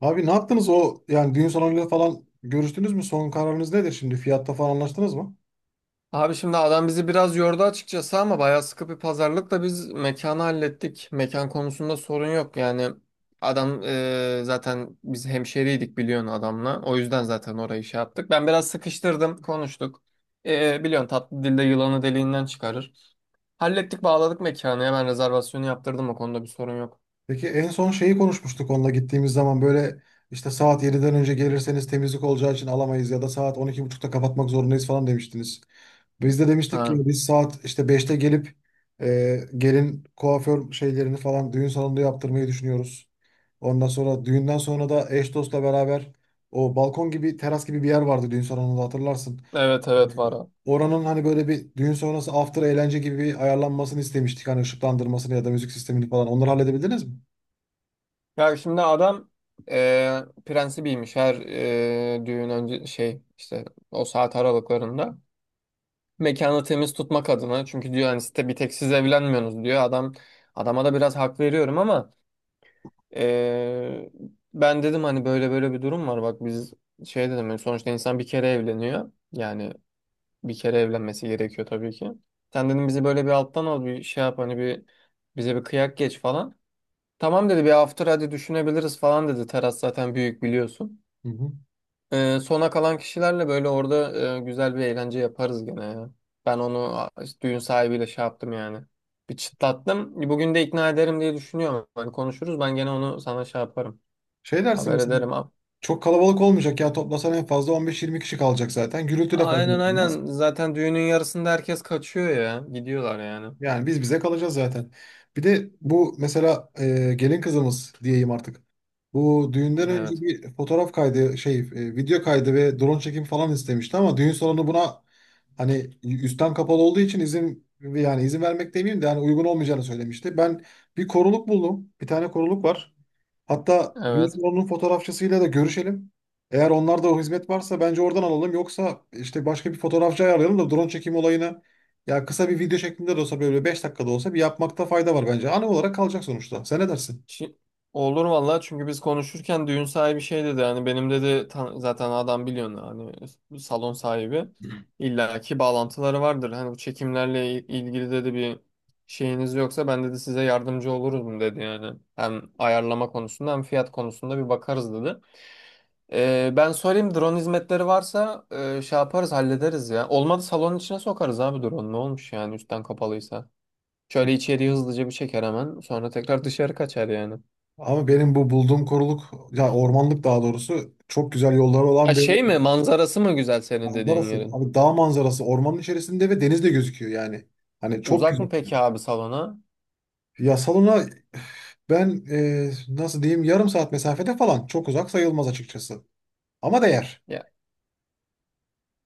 Abi ne yaptınız o yani düğün salonuyla falan görüştünüz mü? Son kararınız nedir şimdi? Fiyatta falan anlaştınız mı? Abi şimdi adam bizi biraz yordu açıkçası ama bayağı sıkı bir pazarlıkla biz mekanı hallettik. Mekan konusunda sorun yok yani. Adam zaten biz hemşeriydik biliyorsun adamla. O yüzden zaten orayı şey yaptık. Ben biraz sıkıştırdım, konuştuk. Biliyorsun tatlı dilde yılanı deliğinden çıkarır. Hallettik, bağladık mekanı. Hemen rezervasyonu yaptırdım, o konuda bir sorun yok. Peki en son şeyi konuşmuştuk onunla gittiğimiz zaman böyle işte saat 7'den önce gelirseniz temizlik olacağı için alamayız ya da saat on iki buçukta kapatmak zorundayız falan demiştiniz. Biz de demiştik Ha. ki biz saat işte beşte gelip gelin kuaför şeylerini falan düğün salonunda yaptırmayı düşünüyoruz. Ondan sonra düğünden sonra da eş dostla beraber o balkon gibi teras gibi bir yer vardı düğün salonunda hatırlarsın. Evet, evet, var Yani o. Oranın hani böyle bir düğün sonrası after eğlence gibi bir ayarlanmasını istemiştik. Hani ışıklandırmasını ya da müzik sistemini falan. Onları halledebildiniz mi? Ya şimdi adam e, prensibiymiş her düğün önce şey işte o saat aralıklarında. Mekanı temiz tutmak adına. Çünkü diyor hani site bir tek siz evlenmiyorsunuz diyor. Adama da biraz hak veriyorum ama eee, ben dedim hani böyle böyle bir durum var. Bak biz şey dedim hani sonuçta insan bir kere evleniyor. Yani bir kere evlenmesi gerekiyor tabii ki. Sen dedim bizi böyle bir alttan al bir şey yap hani bir bize bir kıyak geç falan. Tamam dedi, bir after hadi düşünebiliriz falan dedi. Teras zaten büyük biliyorsun. Hı hı. Sona kalan kişilerle böyle orada güzel bir eğlence yaparız gene ya. Ben onu işte düğün sahibiyle şey yaptım yani. Bir çıtlattım. Bugün de ikna ederim diye düşünüyorum. Hani konuşuruz, ben gene onu sana şey yaparım. Şey dersin Haber mesela ederim. Çok kalabalık olmayacak ya, toplasan en fazla 15-20 kişi kalacak zaten. Gürültü de fazla Aynen, olmaz. aynen. Zaten düğünün yarısında herkes kaçıyor ya. Gidiyorlar yani. Yani biz bize kalacağız zaten. Bir de bu mesela gelin kızımız diyeyim artık. Bu düğünden önce Evet. bir fotoğraf kaydı, video kaydı ve drone çekim falan istemişti ama düğün salonu buna hani üstten kapalı olduğu için izin, yani izin vermek demeyeyim de yani uygun olmayacağını söylemişti. Ben bir koruluk buldum. Bir tane koruluk var. Hatta düğün Evet. salonunun fotoğrafçısıyla da görüşelim. Eğer onlarda o hizmet varsa bence oradan alalım. Yoksa işte başka bir fotoğrafçı ayarlayalım da drone çekim olayını, ya kısa bir video şeklinde de olsa böyle 5 dakikada olsa bir yapmakta fayda var bence. Anı olarak kalacak sonuçta. Sen ne dersin? Şi- Olur vallahi, çünkü biz konuşurken düğün sahibi şey dedi hani benim dedi zaten adam biliyorsun hani salon sahibi illaki bağlantıları vardır. Hani bu çekimlerle ilgili dedi, bir şeyiniz yoksa ben dedi size yardımcı olurum dedi yani. Hem ayarlama konusunda hem fiyat konusunda bir bakarız dedi. Ben sorayım, drone hizmetleri varsa şey yaparız hallederiz ya. Olmadı salonun içine sokarız abi, drone ne olmuş yani üstten kapalıysa. Şöyle içeriği hızlıca bir çeker, hemen sonra tekrar dışarı kaçar yani. Ama benim bu bulduğum koruluk ya ormanlık daha doğrusu çok güzel yolları Ha olan bir şey mi, manzarası mı güzel senin dediğin manzarası. yerin? Abi dağ manzarası, ormanın içerisinde ve deniz de gözüküyor yani. Hani çok Uzak güzel. mı peki abi salona? Ya salona ben, nasıl diyeyim, yarım saat mesafede falan, çok uzak sayılmaz açıkçası. Ama değer. Ya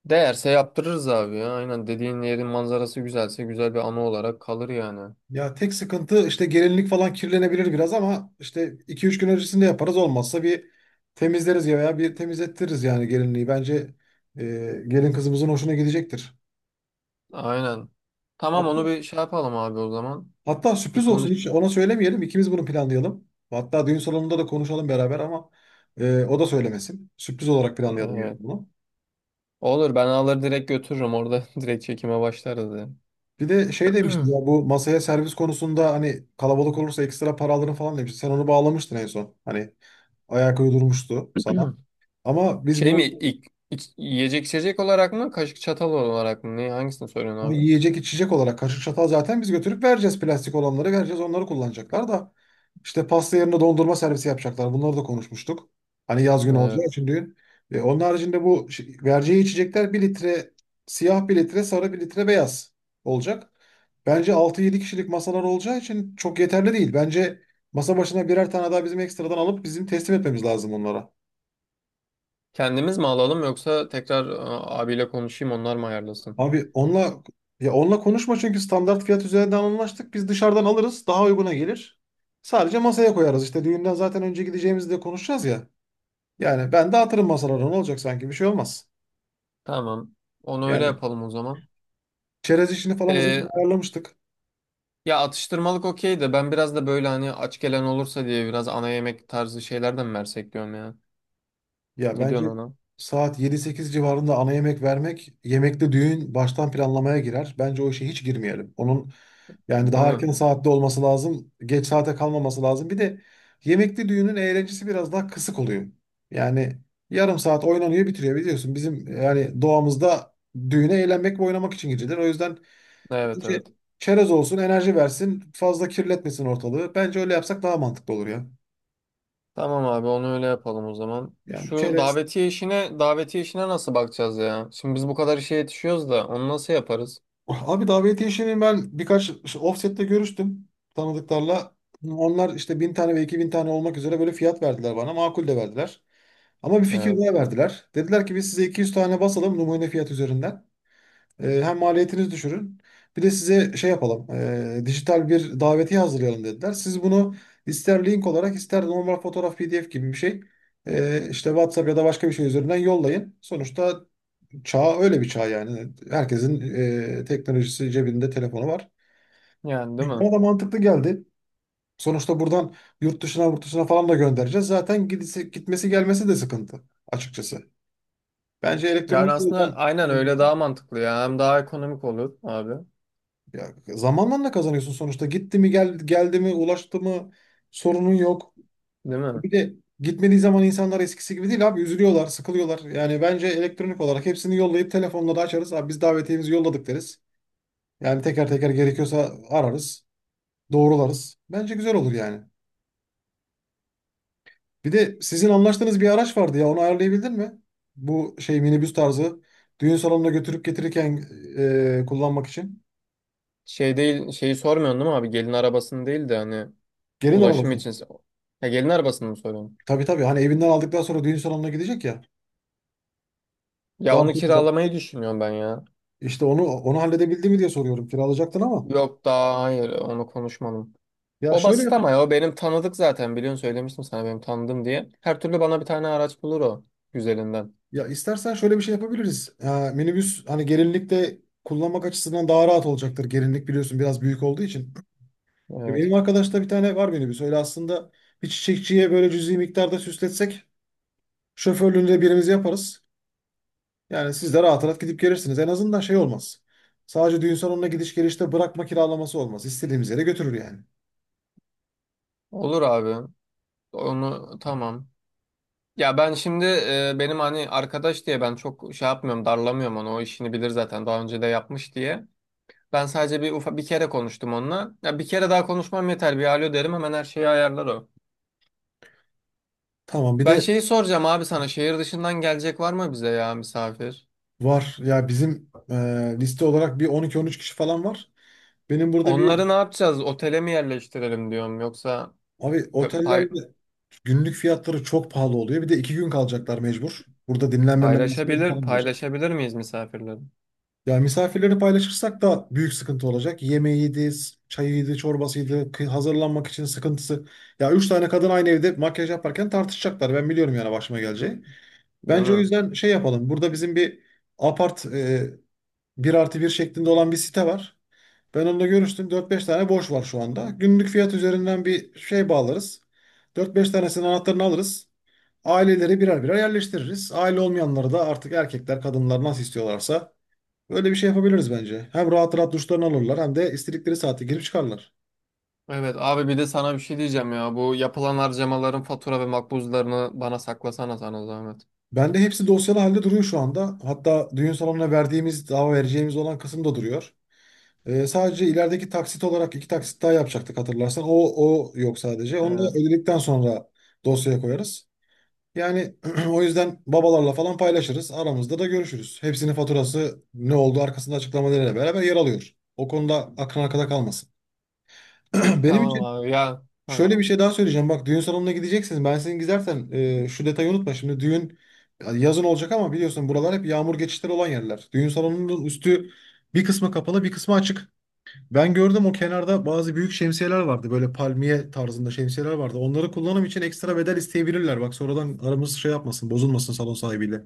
değerse yaptırırız abi ya. Aynen, dediğin yerin manzarası güzelse güzel bir anı olarak kalır yani. Ya tek sıkıntı işte gelinlik falan kirlenebilir biraz ama işte iki üç gün öncesinde yaparız olmazsa, bir temizleriz ya veya bir temizlettiririz yani gelinliği. Bence e, gelin kızımızın hoşuna gidecektir. Aynen. Tamam, onu Hatta bir şey yapalım abi o zaman. Hatta Bir sürpriz olsun, konuş. hiç ona söylemeyelim. İkimiz bunu planlayalım. Hatta düğün salonunda da konuşalım beraber ama o da söylemesin. Sürpriz olarak planlayalım yani Evet. bunu. Olur, ben alır direkt götürürüm orada direkt çekime başlarız Bir de şey demiştin yani. ya, bu masaya servis konusunda hani kalabalık olursa ekstra para alırım falan demişti. Sen onu bağlamıştın en son. Hani ayak uydurmuştu sana. Ama biz Şey mi bu ilk, yiyecek içecek olarak mı, kaşık çatal olarak mı? Ne, hangisini söylüyorsun Ama abi? yiyecek içecek olarak kaşık çatal zaten biz götürüp vereceğiz. Plastik olanları vereceğiz. Onları kullanacaklar da. İşte pasta yerine dondurma servisi yapacaklar. Bunları da konuşmuştuk. Hani yaz günü Evet. olacağı için düğün. E, onun haricinde bu vereceği içecekler bir litre siyah, bir litre sarı, bir litre beyaz olacak. Bence altı yedi kişilik masalar olacağı için çok yeterli değil. Bence masa başına birer tane daha bizim ekstradan alıp bizim teslim etmemiz lazım onlara. Kendimiz mi alalım yoksa tekrar abiyle konuşayım, onlar mı ayarlasın? Abi onunla konuşma çünkü standart fiyat üzerinden anlaştık. Biz dışarıdan alırız, daha uyguna gelir. Sadece masaya koyarız. İşte düğünden zaten önce gideceğimizi de konuşacağız ya. Yani ben de dağıtırım masalara, ne olacak sanki, bir şey olmaz. Tamam. Onu öyle Yani yapalım o zaman. çerez işini falan zaten Ee, ayarlamıştık. Ya atıştırmalık okey de ben biraz da böyle hani aç gelen olursa diye biraz ana yemek tarzı şeylerden mi versek diyorum ya. Ya Ne bence diyorsun ona? saat yedi sekiz civarında ana yemek vermek, yemekte düğün baştan planlamaya girer. Bence o işe hiç girmeyelim. Onun yani Değil daha mi? erken saatte olması lazım. Geç saate kalmaması lazım. Bir de yemekli düğünün eğlencesi biraz daha kısık oluyor. Yani yarım saat oynanıyor bitiriyor biliyorsun. Bizim yani doğamızda düğüne eğlenmek ve oynamak için girilir. O yüzden Evet, bence evet. çerez olsun, enerji versin, fazla kirletmesin ortalığı. Bence öyle yapsak daha mantıklı olur ya. Tamam abi, onu öyle yapalım o zaman. Yani Şu çerez davetiye işine nasıl bakacağız ya? Şimdi biz bu kadar işe yetişiyoruz da onu nasıl yaparız? Abi davetiye işini ben birkaç offset'te görüştüm tanıdıklarla. Onlar işte bin tane ve iki bin tane olmak üzere böyle fiyat verdiler bana. Makul de verdiler. Ama bir fikir Evet. daha verdiler. Dediler ki biz size 200 tane basalım numune fiyat üzerinden. Hem maliyetiniz düşürün. Bir de size şey yapalım. Dijital bir davetiye hazırlayalım dediler. Siz bunu ister link olarak ister normal fotoğraf PDF gibi bir şey, işte WhatsApp ya da başka bir şey üzerinden yollayın. Sonuçta çağ öyle bir çağ yani. Herkesin teknolojisi, cebinde telefonu var. Yani değil mi? Bana da mantıklı geldi. Sonuçta buradan yurt dışına falan da göndereceğiz. Zaten gidisi, gitmesi gelmesi de sıkıntı açıkçası. Bence Yani elektronik aslında yoldan, aynen öyle, daha mantıklı ya. Hem daha ekonomik olur abi. ya, zamanla da kazanıyorsun sonuçta. Gitti mi gel, geldi mi, ulaştı mı, sorunun yok. Değil mi? Bir de gitmediği zaman insanlar eskisi gibi değil abi, üzülüyorlar, sıkılıyorlar. Yani bence elektronik olarak hepsini yollayıp telefonla da açarız. Abi biz davetiyemizi yolladık deriz. Yani teker teker gerekiyorsa ararız. Doğrularız. Bence güzel olur yani. Bir de sizin anlaştığınız bir araç vardı ya, onu ayarlayabildin mi? Bu şey minibüs tarzı düğün salonuna götürüp getirirken kullanmak için. Şey değil, şeyi sormuyorsun değil mi abi? Gelin arabasını değil de hani Gelin ulaşım arabası. için. Ya gelin arabasını mı soruyorsun? Tabii tabii, hani evinden aldıktan sonra düğün salonuna gidecek ya. Ya Daha onu sonra kiralamayı düşünüyorum ben ya. işte onu halledebildi mi diye soruyorum. Kiralayacaktın ama. Yok daha, hayır, onu konuşmadım. Ya O şöyle basit ama ya o benim tanıdık zaten, biliyorsun söylemiştim sana benim tanıdığım diye. Her türlü bana bir tane araç bulur o güzelinden. ya istersen şöyle bir şey yapabiliriz. Ha, minibüs hani gelinlikte kullanmak açısından daha rahat olacaktır. Gelinlik biliyorsun biraz büyük olduğu için. E, Evet. benim arkadaşta bir tane var minibüs. Öyle aslında bir çiçekçiye böyle cüzi miktarda süsletsek, şoförlüğünü de birimiz yaparız. Yani siz de rahat rahat gidip gelirsiniz. En azından şey olmaz. Sadece düğün salonuna gidiş gelişte bırakma kiralaması olmaz. İstediğimiz yere götürür yani. Olur abi. Onu tamam. Ya ben şimdi benim hani arkadaş diye ben çok şey yapmıyorum, darlamıyorum onu, o işini bilir zaten daha önce de yapmış diye. Ben sadece bir bir kere konuştum onunla. Ya bir kere daha konuşmam yeter, bir alo derim, hemen her şeyi ayarlar o. Tamam bir Ben de. şeyi soracağım abi sana, şehir dışından gelecek var mı bize ya, misafir? Var. Ya bizim liste olarak bir on iki on üç kişi falan var. Benim burada Onları ne bir yapacağız? Otele mi yerleştirelim diyorum, yoksa abi, pö- pay- otellerde günlük fiyatları çok pahalı oluyor. Bir de iki gün kalacaklar mecbur. Burada dinlenme merasimleri paylaşabilir, falan olacak. paylaşabilir miyiz misafirleri? Ya misafirleri paylaşırsak da büyük sıkıntı olacak. Yemeğiydi, çayıydı, çorbasıydı, hazırlanmak için sıkıntısı. Ya üç tane kadın aynı evde makyaj yaparken tartışacaklar. Ben biliyorum yani başıma geleceği. Değil Bence o mi? yüzden şey yapalım. Burada bizim bir apart, 1 artı bir şeklinde olan bir site var. Ben onunla görüştüm. Dört beş tane boş var şu anda. Günlük fiyat üzerinden bir şey bağlarız. Dört beş tanesinin anahtarını alırız. Aileleri birer birer yerleştiririz. Aile olmayanları da artık erkekler, kadınlar nasıl istiyorlarsa, böyle bir şey yapabiliriz bence. Hem rahat rahat duşlarını alırlar hem de istedikleri saate girip çıkarlar. Evet abi, bir de sana bir şey diyeceğim ya. Bu yapılan harcamaların fatura ve makbuzlarını bana saklasana, sana zahmet. Bende hepsi dosyalı halde duruyor şu anda. Hatta düğün salonuna verdiğimiz, daha vereceğimiz olan kısım da duruyor. Sadece ilerideki taksit olarak iki taksit daha yapacaktık hatırlarsan. O yok sadece. Evet. Onu da Evet. ödedikten sonra dosyaya koyarız. Yani o yüzden babalarla falan paylaşırız. Aramızda da görüşürüz. Hepsinin faturası ne oldu arkasında açıklamalarıyla beraber yer alıyor. O konuda aklın arkada kalmasın. Benim Tamam için abi ya. Ha. şöyle bir şey daha söyleyeceğim. Bak, düğün salonuna gideceksiniz. Ben sizin, gidersen şu detayı unutma. Şimdi düğün yazın olacak ama biliyorsun buralar hep yağmur geçişleri olan yerler. Düğün salonunun üstü, bir kısmı kapalı bir kısmı açık. Ben gördüm, o kenarda bazı büyük şemsiyeler vardı. Böyle palmiye tarzında şemsiyeler vardı. Onları kullanım için ekstra bedel isteyebilirler. Bak sonradan aramız şey yapmasın, bozulmasın salon sahibiyle.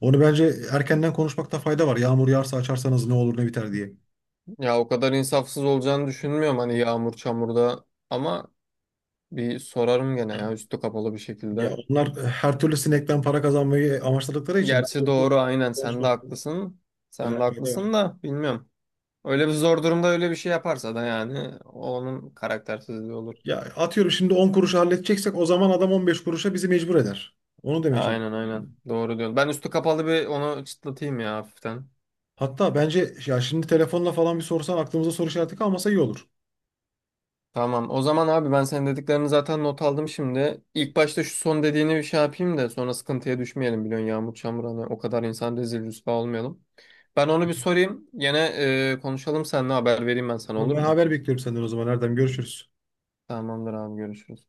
Onu bence erkenden konuşmakta fayda var. Yağmur yağarsa açarsanız ne olur ne biter diye. Ya o kadar insafsız olacağını düşünmüyorum hani yağmur çamurda, ama bir sorarım gene ya üstü kapalı bir Ya şekilde. onlar her türlü sinekten para kazanmayı amaçladıkları için bence Gerçi bunu doğru, aynen, sen de konuşmakta haklısın. Sen de yani fayda var. haklısın da bilmiyorum. Öyle bir zor durumda öyle bir şey yaparsa da yani onun karaktersizliği olur. Ya atıyorum şimdi 10 kuruşa halledeceksek o zaman adam 15 kuruşa bizi mecbur eder. Onu demeye Aynen, çalışıyorum yani. aynen, doğru diyorsun. Ben üstü kapalı bir onu çıtlatayım ya hafiften. Hatta bence ya şimdi telefonla falan bir sorsan, aklımızda soru işareti kalmasa iyi olur. Tamam o zaman abi, ben senin dediklerini zaten not aldım şimdi. İlk başta şu son dediğini bir şey yapayım da sonra sıkıntıya düşmeyelim, biliyorsun yağmur çamur hani, o kadar insan rezil rüsva olmayalım. Ben onu bir sorayım. Yine konuşalım seninle, haber vereyim ben sana, Tamam, olur ben mu? haber bekliyorum senden o zaman Erdem. Görüşürüz. Tamamdır abi, görüşürüz.